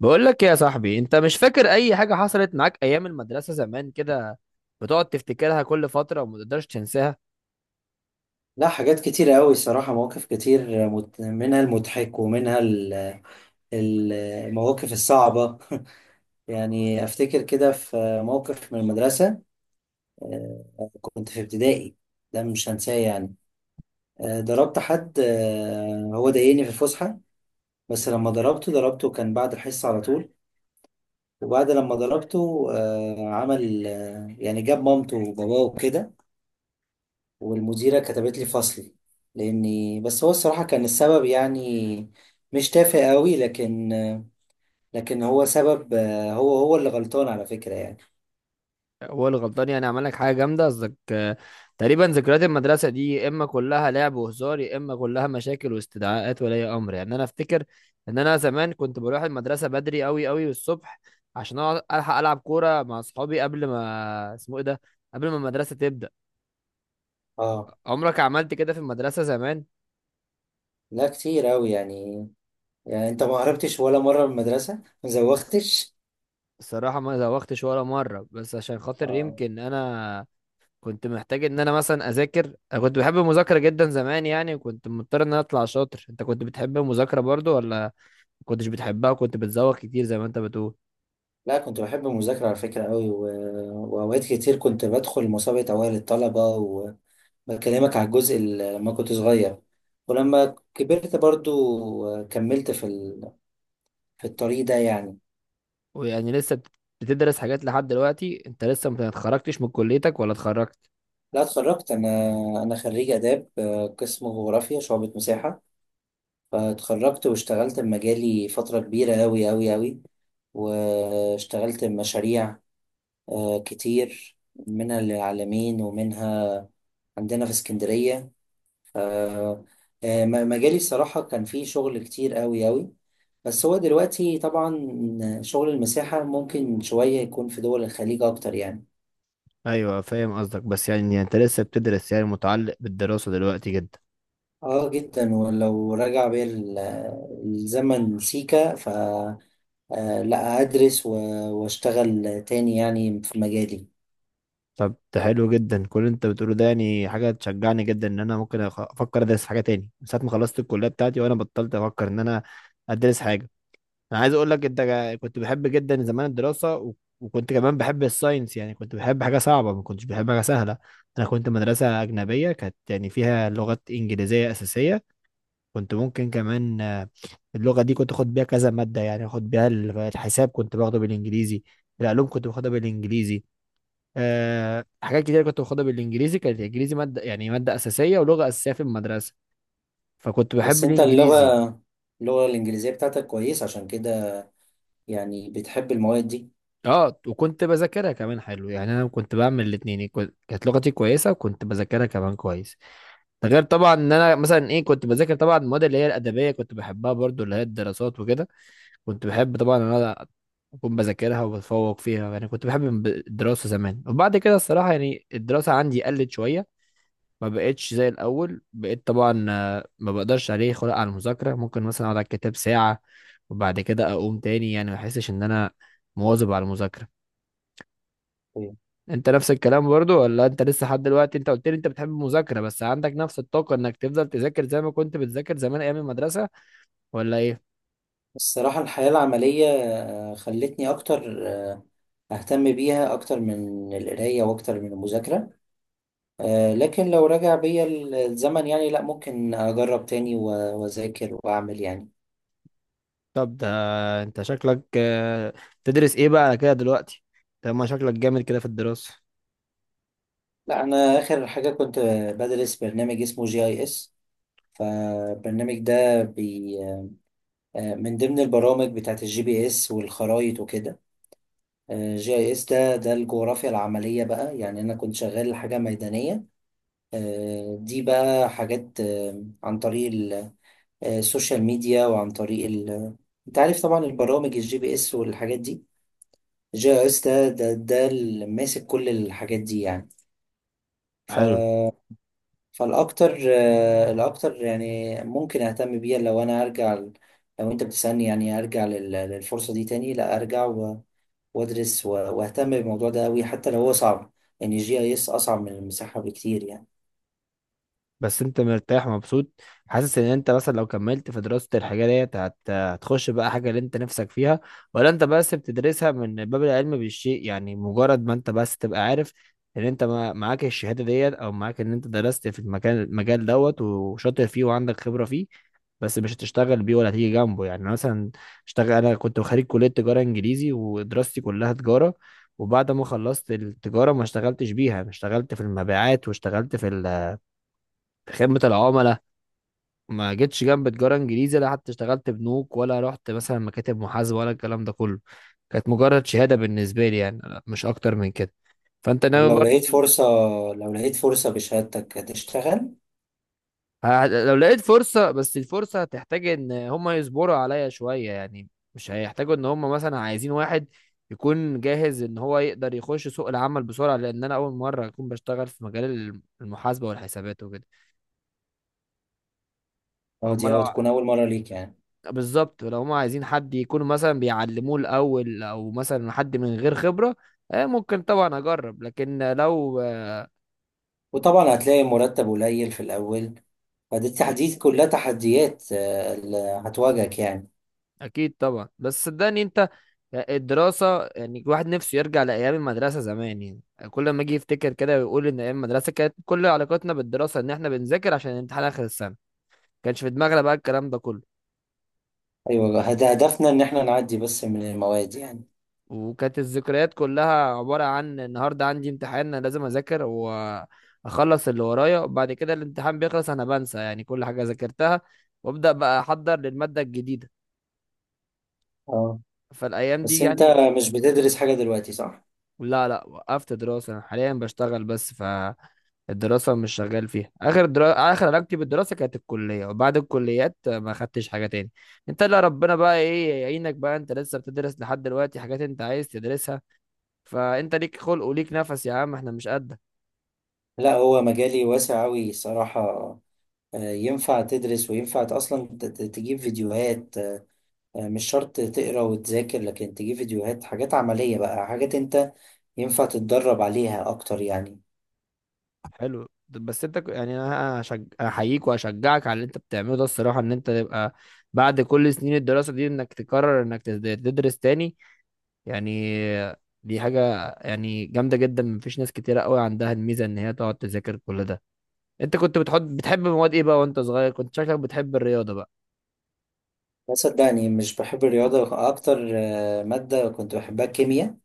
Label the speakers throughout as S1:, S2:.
S1: بقول لك يا صاحبي، انت مش فاكر اي حاجة حصلت معاك ايام المدرسة زمان كده؟ بتقعد تفتكرها كل فترة وما تقدرش تنساها.
S2: لا، حاجات كتيرة أوي الصراحة. مواقف كتير، منها المضحك ومنها المواقف الصعبة. يعني أفتكر كده في موقف من المدرسة. كنت في ابتدائي. ده مش هنساه يعني. ضربت حد. هو ضايقني في الفسحة. بس لما ضربته، ضربته كان بعد الحصة على طول. وبعد لما ضربته، عمل يعني جاب مامته وباباه وكده. والمديرة كتبت لي فصلي. لأني، بس هو الصراحة كان السبب يعني. مش تافه قوي، لكن هو سبب. هو هو اللي غلطان على فكرة يعني.
S1: هو الغلطان، يعني عمل لك حاجة جامدة قصدك؟ تقريبا ذكريات المدرسة دي يا اما كلها لعب وهزار، يا اما كلها مشاكل واستدعاءات ولي امر. يعني انا افتكر ان انا زمان كنت بروح المدرسة بدري قوي قوي الصبح، عشان اقعد الحق العب كورة مع اصحابي قبل ما اسمه ايه ده، قبل ما المدرسة تبدأ.
S2: اه.
S1: عمرك عملت كده في المدرسة زمان؟
S2: لا، كتير قوي يعني. يعني انت ما هربتش ولا مرة من المدرسة؟ ما زوختش؟
S1: الصراحة ما زوختش ولا مرة، بس عشان خاطر
S2: اه.
S1: يمكن أنا كنت محتاج إن أنا مثلا أذاكر. أنا كنت بحب المذاكرة جدا زمان، يعني وكنت مضطر إن أنا أطلع شاطر. أنت كنت بتحب المذاكرة برضو ولا ما كنتش بتحبها وكنت بتزوغ كتير زي ما أنت بتقول؟
S2: لا، كنت بحب المذاكرة على فكرة قوي، وأوقات كتير كنت بدخل مسابقة أوائل الطلبة. وبكلمك على الجزء اللي لما كنت صغير. ولما كبرت برضو كملت في الطريق ده يعني.
S1: ويعني بتدرس حاجات لحد دلوقتي؟ أنت لسه ما اتخرجتش من كليتك ولا اتخرجت؟
S2: لا، اتخرجت انا. انا خريج اداب، قسم جغرافيا شعبة مساحة. فاتخرجت واشتغلت بمجالي فترة كبيرة أوي أوي أوي. واشتغلت بمشاريع كتير، منها للعالمين ومنها عندنا في اسكندرية. ف- آه، مجالي الصراحة كان فيه شغل كتير أوي أوي. بس هو دلوقتي طبعا شغل المساحة ممكن شوية يكون في دول الخليج أكتر يعني.
S1: أيوة فاهم قصدك، بس يعني أنت لسه بتدرس، يعني متعلق بالدراسة دلوقتي جدا.
S2: اه، جدا. ولو رجع بيا الزمن سيكا، ف آه، لا، ادرس واشتغل تاني يعني في مجالي.
S1: طب ده حلو جدا، كل اللي انت بتقوله ده يعني حاجه تشجعني جدا ان انا ممكن افكر ادرس حاجه تاني من ساعه ما خلصت الكليه بتاعتي، وانا بطلت افكر ان انا ادرس حاجه. انا عايز اقول لك انت كنت بحب جدا زمان الدراسه، وكنت كمان بحب الساينس، يعني كنت بحب حاجه صعبه ما كنتش بحب حاجه سهله. انا كنت مدرسه اجنبيه، كانت يعني فيها لغات انجليزيه اساسيه، كنت ممكن كمان اللغه دي كنت اخد بيها كذا ماده، يعني اخد بيها الحساب كنت باخده بالانجليزي، العلوم كنت باخدها بالانجليزي، حاجات كتير كنت باخدها بالانجليزي. كانت الانجليزي ماده، يعني ماده اساسيه ولغه اساسيه في المدرسه، فكنت بحب
S2: بس انت اللغة
S1: الانجليزي.
S2: اللغة الانجليزية بتاعتك كويس عشان كده. يعني بتحب المواد دي.
S1: اه، وكنت بذاكرها كمان حلو، يعني انا كنت بعمل الاثنين، كانت لغتي كويسه وكنت بذاكرها كمان كويس. ده غير طبعا ان انا مثلا ايه كنت بذاكر طبعا المواد اللي هي الادبيه، كنت بحبها برضو اللي هي الدراسات وكده. كنت بحب طبعا ان انا اكون بذاكرها وبتفوق فيها. يعني كنت بحب الدراسه زمان، وبعد كده الصراحه يعني الدراسه عندي قلت شويه، ما بقتش زي الاول، بقيت طبعا ما بقدرش عليه خلق على المذاكره، ممكن مثلا اقعد على الكتاب ساعه وبعد كده اقوم تاني، يعني ما احسش ان انا مواظب على المذاكره.
S2: طيب.
S1: انت نفس الكلام برضو ولا انت لسه لحد دلوقتي؟ انت قلت لي انت بتحب المذاكره، بس عندك نفس الطاقه انك تفضل تذاكر زي ما كنت بتذاكر زمان ايام المدرسه ولا ايه؟
S2: الصراحة الحياة العملية خلتني اكتر اهتم بيها اكتر من القراية واكتر من المذاكرة. لكن لو رجع بيا الزمن يعني، لا، ممكن اجرب تاني واذاكر واعمل يعني.
S1: طب ده انت شكلك تدرس ايه بقى على كده دلوقتي؟ طب ما شكلك جامد كده في الدراسه.
S2: لا، انا اخر حاجه كنت بدرس برنامج اسمه جي اي اس. فالبرنامج ده بي آه، من ضمن البرامج بتاعت الجي بي اس والخرايط وكده. جي اي اس ده الجغرافيا العمليه بقى، يعني انا كنت شغال حاجه ميدانيه. دي بقى حاجات عن طريق السوشيال ميديا انت عارف طبعا البرامج الجي بي اس والحاجات دي. جي اي اس ده اللي ماسك كل الحاجات دي يعني. ف
S1: حلو.
S2: فالاكتر آه، الاكتر يعني ممكن اهتم بيها لو انا ارجع لو انت بتسألني يعني، ارجع للفرصة دي تاني. لا، ارجع وادرس واهتم بالموضوع ده قوي، حتى لو هو صعب. يعني جي اي اس اصعب من المساحة بكتير يعني.
S1: بس انت مرتاح ومبسوط، حاسس ان انت مثلا لو كملت في دراسة الحاجة ديت هتخش بقى حاجة اللي انت نفسك فيها، ولا انت بس بتدرسها من باب العلم بالشيء، يعني مجرد ما انت بس تبقى عارف ان انت معاك الشهادة ديت، او معاك ان انت درست في المكان المجال دوت، وشاطر فيه وعندك خبرة فيه، بس مش هتشتغل بيه ولا هتيجي جنبه. يعني مثلا اشتغل، انا كنت خريج كلية تجارة انجليزي ودراستي كلها تجارة، وبعد ما خلصت التجارة ما اشتغلتش بيها. أنا اشتغلت في المبيعات واشتغلت في خدمة العملاء، ما جيتش جنب تجارة انجليزي، لا حتى اشتغلت بنوك ولا رحت مثلا مكاتب محاسبة ولا الكلام ده كله. كانت مجرد شهادة بالنسبة لي، يعني لا، مش اكتر من كده. فانت ناوي
S2: لو لقيت
S1: برضه؟
S2: فرصة لو لقيت فرصة بشهادتك هتشتغل؟
S1: لو لقيت فرصة، بس الفرصة هتحتاج ان هما يصبروا عليا شوية، يعني مش هيحتاجوا ان هما مثلا عايزين واحد يكون جاهز ان هو يقدر يخش سوق العمل بسرعة، لان انا اول مرة اكون بشتغل في مجال المحاسبة والحسابات وكده.
S2: اه،
S1: فهم
S2: دي
S1: لو،
S2: أو تكون اول مرة ليك يعني.
S1: بالظبط، لو هم عايزين حد يكون مثلا بيعلموه الاول او مثلا حد من غير خبره، ممكن طبعا اجرب، لكن لو
S2: وطبعا هتلاقي مرتب قليل في الاول. فدي
S1: اكيد.
S2: التحديات، كلها تحديات اللي هتواجهك يعني.
S1: أكيد طبعا، بس صدقني انت الدراسه، يعني الواحد نفسه يرجع لايام المدرسه زمان. يعني كل ما اجي يفتكر كده ويقول ان ايام المدرسه كانت كل علاقتنا بالدراسه ان احنا بنذاكر عشان الامتحان اخر السنه، ما كانش في دماغنا بقى الكلام ده كله.
S2: ايوه، هدفنا ان احنا نعدي بس من المواد يعني.
S1: وكانت الذكريات كلها عبارة عن النهاردة عندي امتحان، أنا لازم أذاكر وأخلص اللي ورايا، وبعد كده الامتحان بيخلص أنا بنسى يعني كل حاجة ذاكرتها، وأبدأ بقى أحضر للمادة الجديدة.
S2: اه.
S1: فالأيام دي
S2: بس انت
S1: يعني،
S2: مش بتدرس حاجة دلوقتي، صح؟
S1: لا لا، وقفت دراسة، أنا حاليا بشتغل بس. فالدراسة مش شغال فيها، آخر علاقتي بالدراسة كانت الكلية، وبعد الكليات ما خدتش حاجة تاني. أنت اللي ربنا بقى إيه يعينك بقى، أنت لسه بتدرس لحد دلوقتي حاجات أنت عايز تدرسها، فأنت ليك خلق وليك نفس يا عم، إحنا مش قدك.
S2: لا، هو مجالي واسع أوي صراحة. ينفع تدرس وينفع أصلا تجيب فيديوهات. مش شرط تقرا وتذاكر، لكن تجيب فيديوهات، حاجات عملية بقى، حاجات انت ينفع تتدرب عليها أكتر يعني.
S1: حلو. طب بس انت يعني انا احييك واشجعك على اللي انت بتعمله ده، الصراحه ان انت تبقى بعد كل سنين الدراسه دي انك تقرر انك تدرس تاني، يعني دي حاجه يعني جامده جدا، مفيش ناس كتيره قوي عندها الميزه ان هي تقعد تذاكر كل ده. انت كنت بتحب مواد ايه بقى وانت صغير؟ كنت شكلك بتحب الرياضه بقى.
S2: بس صدقني مش بحب الرياضة. أكتر مادة كنت بحبها الكيمياء.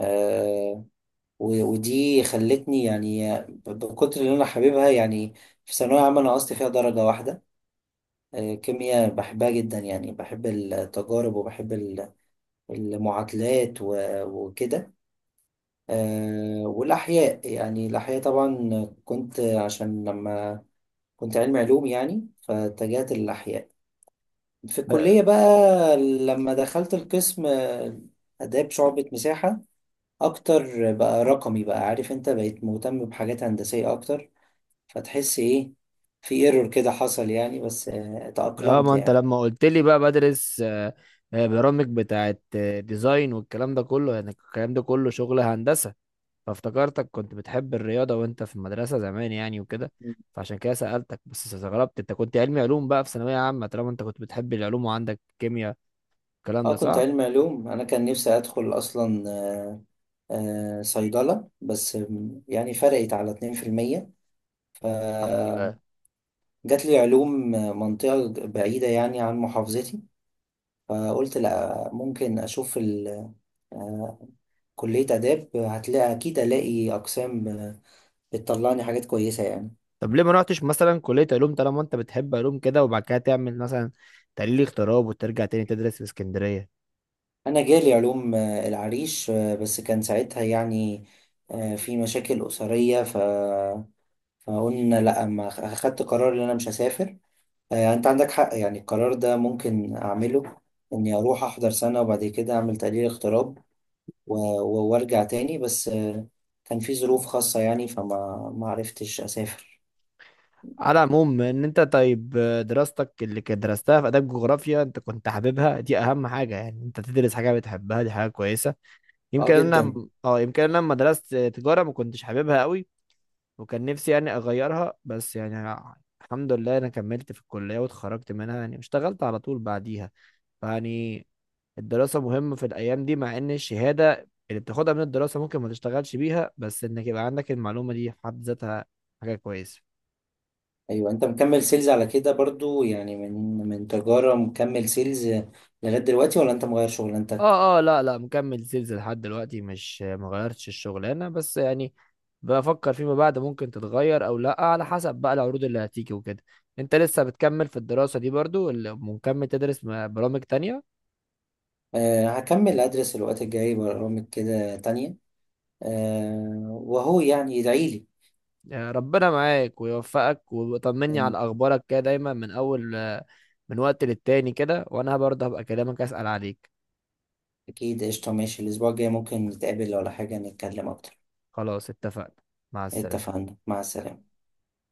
S2: آه، ودي خلتني يعني، بكتر اللي أنا حاببها يعني. في ثانوية عامة أنا نقصت فيها درجة واحدة. كيمياء بحبها جدا يعني، بحب التجارب وبحب المعادلات وكده. والأحياء، يعني الأحياء طبعا كنت، عشان لما كنت علمي علوم يعني، فاتجهت للأحياء في
S1: ب...
S2: الكلية بقى. لما دخلت القسم آداب شعبة مساحة، أكتر بقى رقمي، بقى عارف أنت بقيت مهتم بحاجات هندسية أكتر. فتحس إيه، في ايرور كده حصل يعني، بس
S1: اه،
S2: تأقلمت
S1: ما انت
S2: يعني.
S1: لما قلت لي بقى بدرس برامج بتاعت ديزاين والكلام ده كله، يعني الكلام ده كله شغل هندسه، فافتكرتك كنت بتحب الرياضة وانت في المدرسة زمان يعني وكده، فعشان كده سألتك. بس استغربت انت كنت علمي علوم بقى في ثانوية عامة، طالما انت كنت بتحب العلوم وعندك كيمياء، الكلام ده
S2: اه، كنت
S1: صح؟
S2: علمي علوم. انا كان نفسي ادخل اصلا صيدلة، بس يعني فرقت على 2%.
S1: الحمد
S2: فجات
S1: لله.
S2: لي علوم، منطقة بعيدة يعني عن محافظتي. فقلت لا، ممكن اشوف آه، كلية آداب. هتلاقي أكيد، ألاقي أقسام بتطلعني حاجات كويسة يعني.
S1: طب ليه ما رحتش مثلا كلية علوم طالما انت بتحب علوم كده، وبعد كده تعمل مثلا تحليل اغتراب وترجع تاني تدرس في اسكندرية؟
S2: أنا جالي علوم العريش. بس كان ساعتها يعني، في مشاكل أسرية، فقلنا لأ، ما أخدت قرار إن أنا مش هسافر. يعني انت عندك حق يعني، القرار ده ممكن اعمله، اني اروح احضر سنة وبعد كده اعمل تقليل اغتراب و- وارجع تاني. بس كان في ظروف خاصة يعني، فما ما عرفتش اسافر.
S1: على العموم ان انت طيب، دراستك اللي كانت درستها في اداب جغرافيا انت كنت حاببها، دي اهم حاجة، يعني انت تدرس حاجة بتحبها دي حاجة كويسة.
S2: اه،
S1: يمكن انا،
S2: جدا.
S1: اه، يمكن انا لما درست تجارة ما كنتش حاببها قوي، وكان نفسي يعني اغيرها، بس يعني الحمد لله انا كملت في الكليه واتخرجت منها، يعني اشتغلت على طول بعديها. فيعني الدراسه مهمه في الايام دي، مع ان الشهاده اللي بتاخدها من الدراسه ممكن ما تشتغلش بيها، بس انك يبقى عندك المعلومه دي في حد ذاتها حاجه كويسه.
S2: ايوه، انت مكمل سيلز على كده برضو يعني، من تجارة مكمل سيلز لغاية دلوقتي، ولا انت مغير شغلانتك؟
S1: اه اه، لا لا، مكمل سيلز لحد دلوقتي، مش ما غيرتش الشغلانه، بس يعني بفكر فيما بعد ممكن تتغير او لا، على حسب بقى العروض اللي هتيجي وكده. انت لسه بتكمل في الدراسه دي برضو ولا مكمل تدرس برامج تانية؟
S2: أه، هكمل ادرس الوقت الجاي برامج كده تانية. أه، وهو يعني ادعيلي.
S1: يا ربنا معاك ويوفقك، وطمني
S2: أم،
S1: على اخبارك كده دايما، من اول، من وقت للتاني كده، وانا برضه هبقى اكلمك اسال عليك.
S2: اكيد، قشطة، ماشي. الاسبوع الجاي ممكن نتقابل ولا حاجة، نتكلم اكتر.
S1: خلاص، اتفقنا. مع السلامه.
S2: اتفقنا، مع السلامة.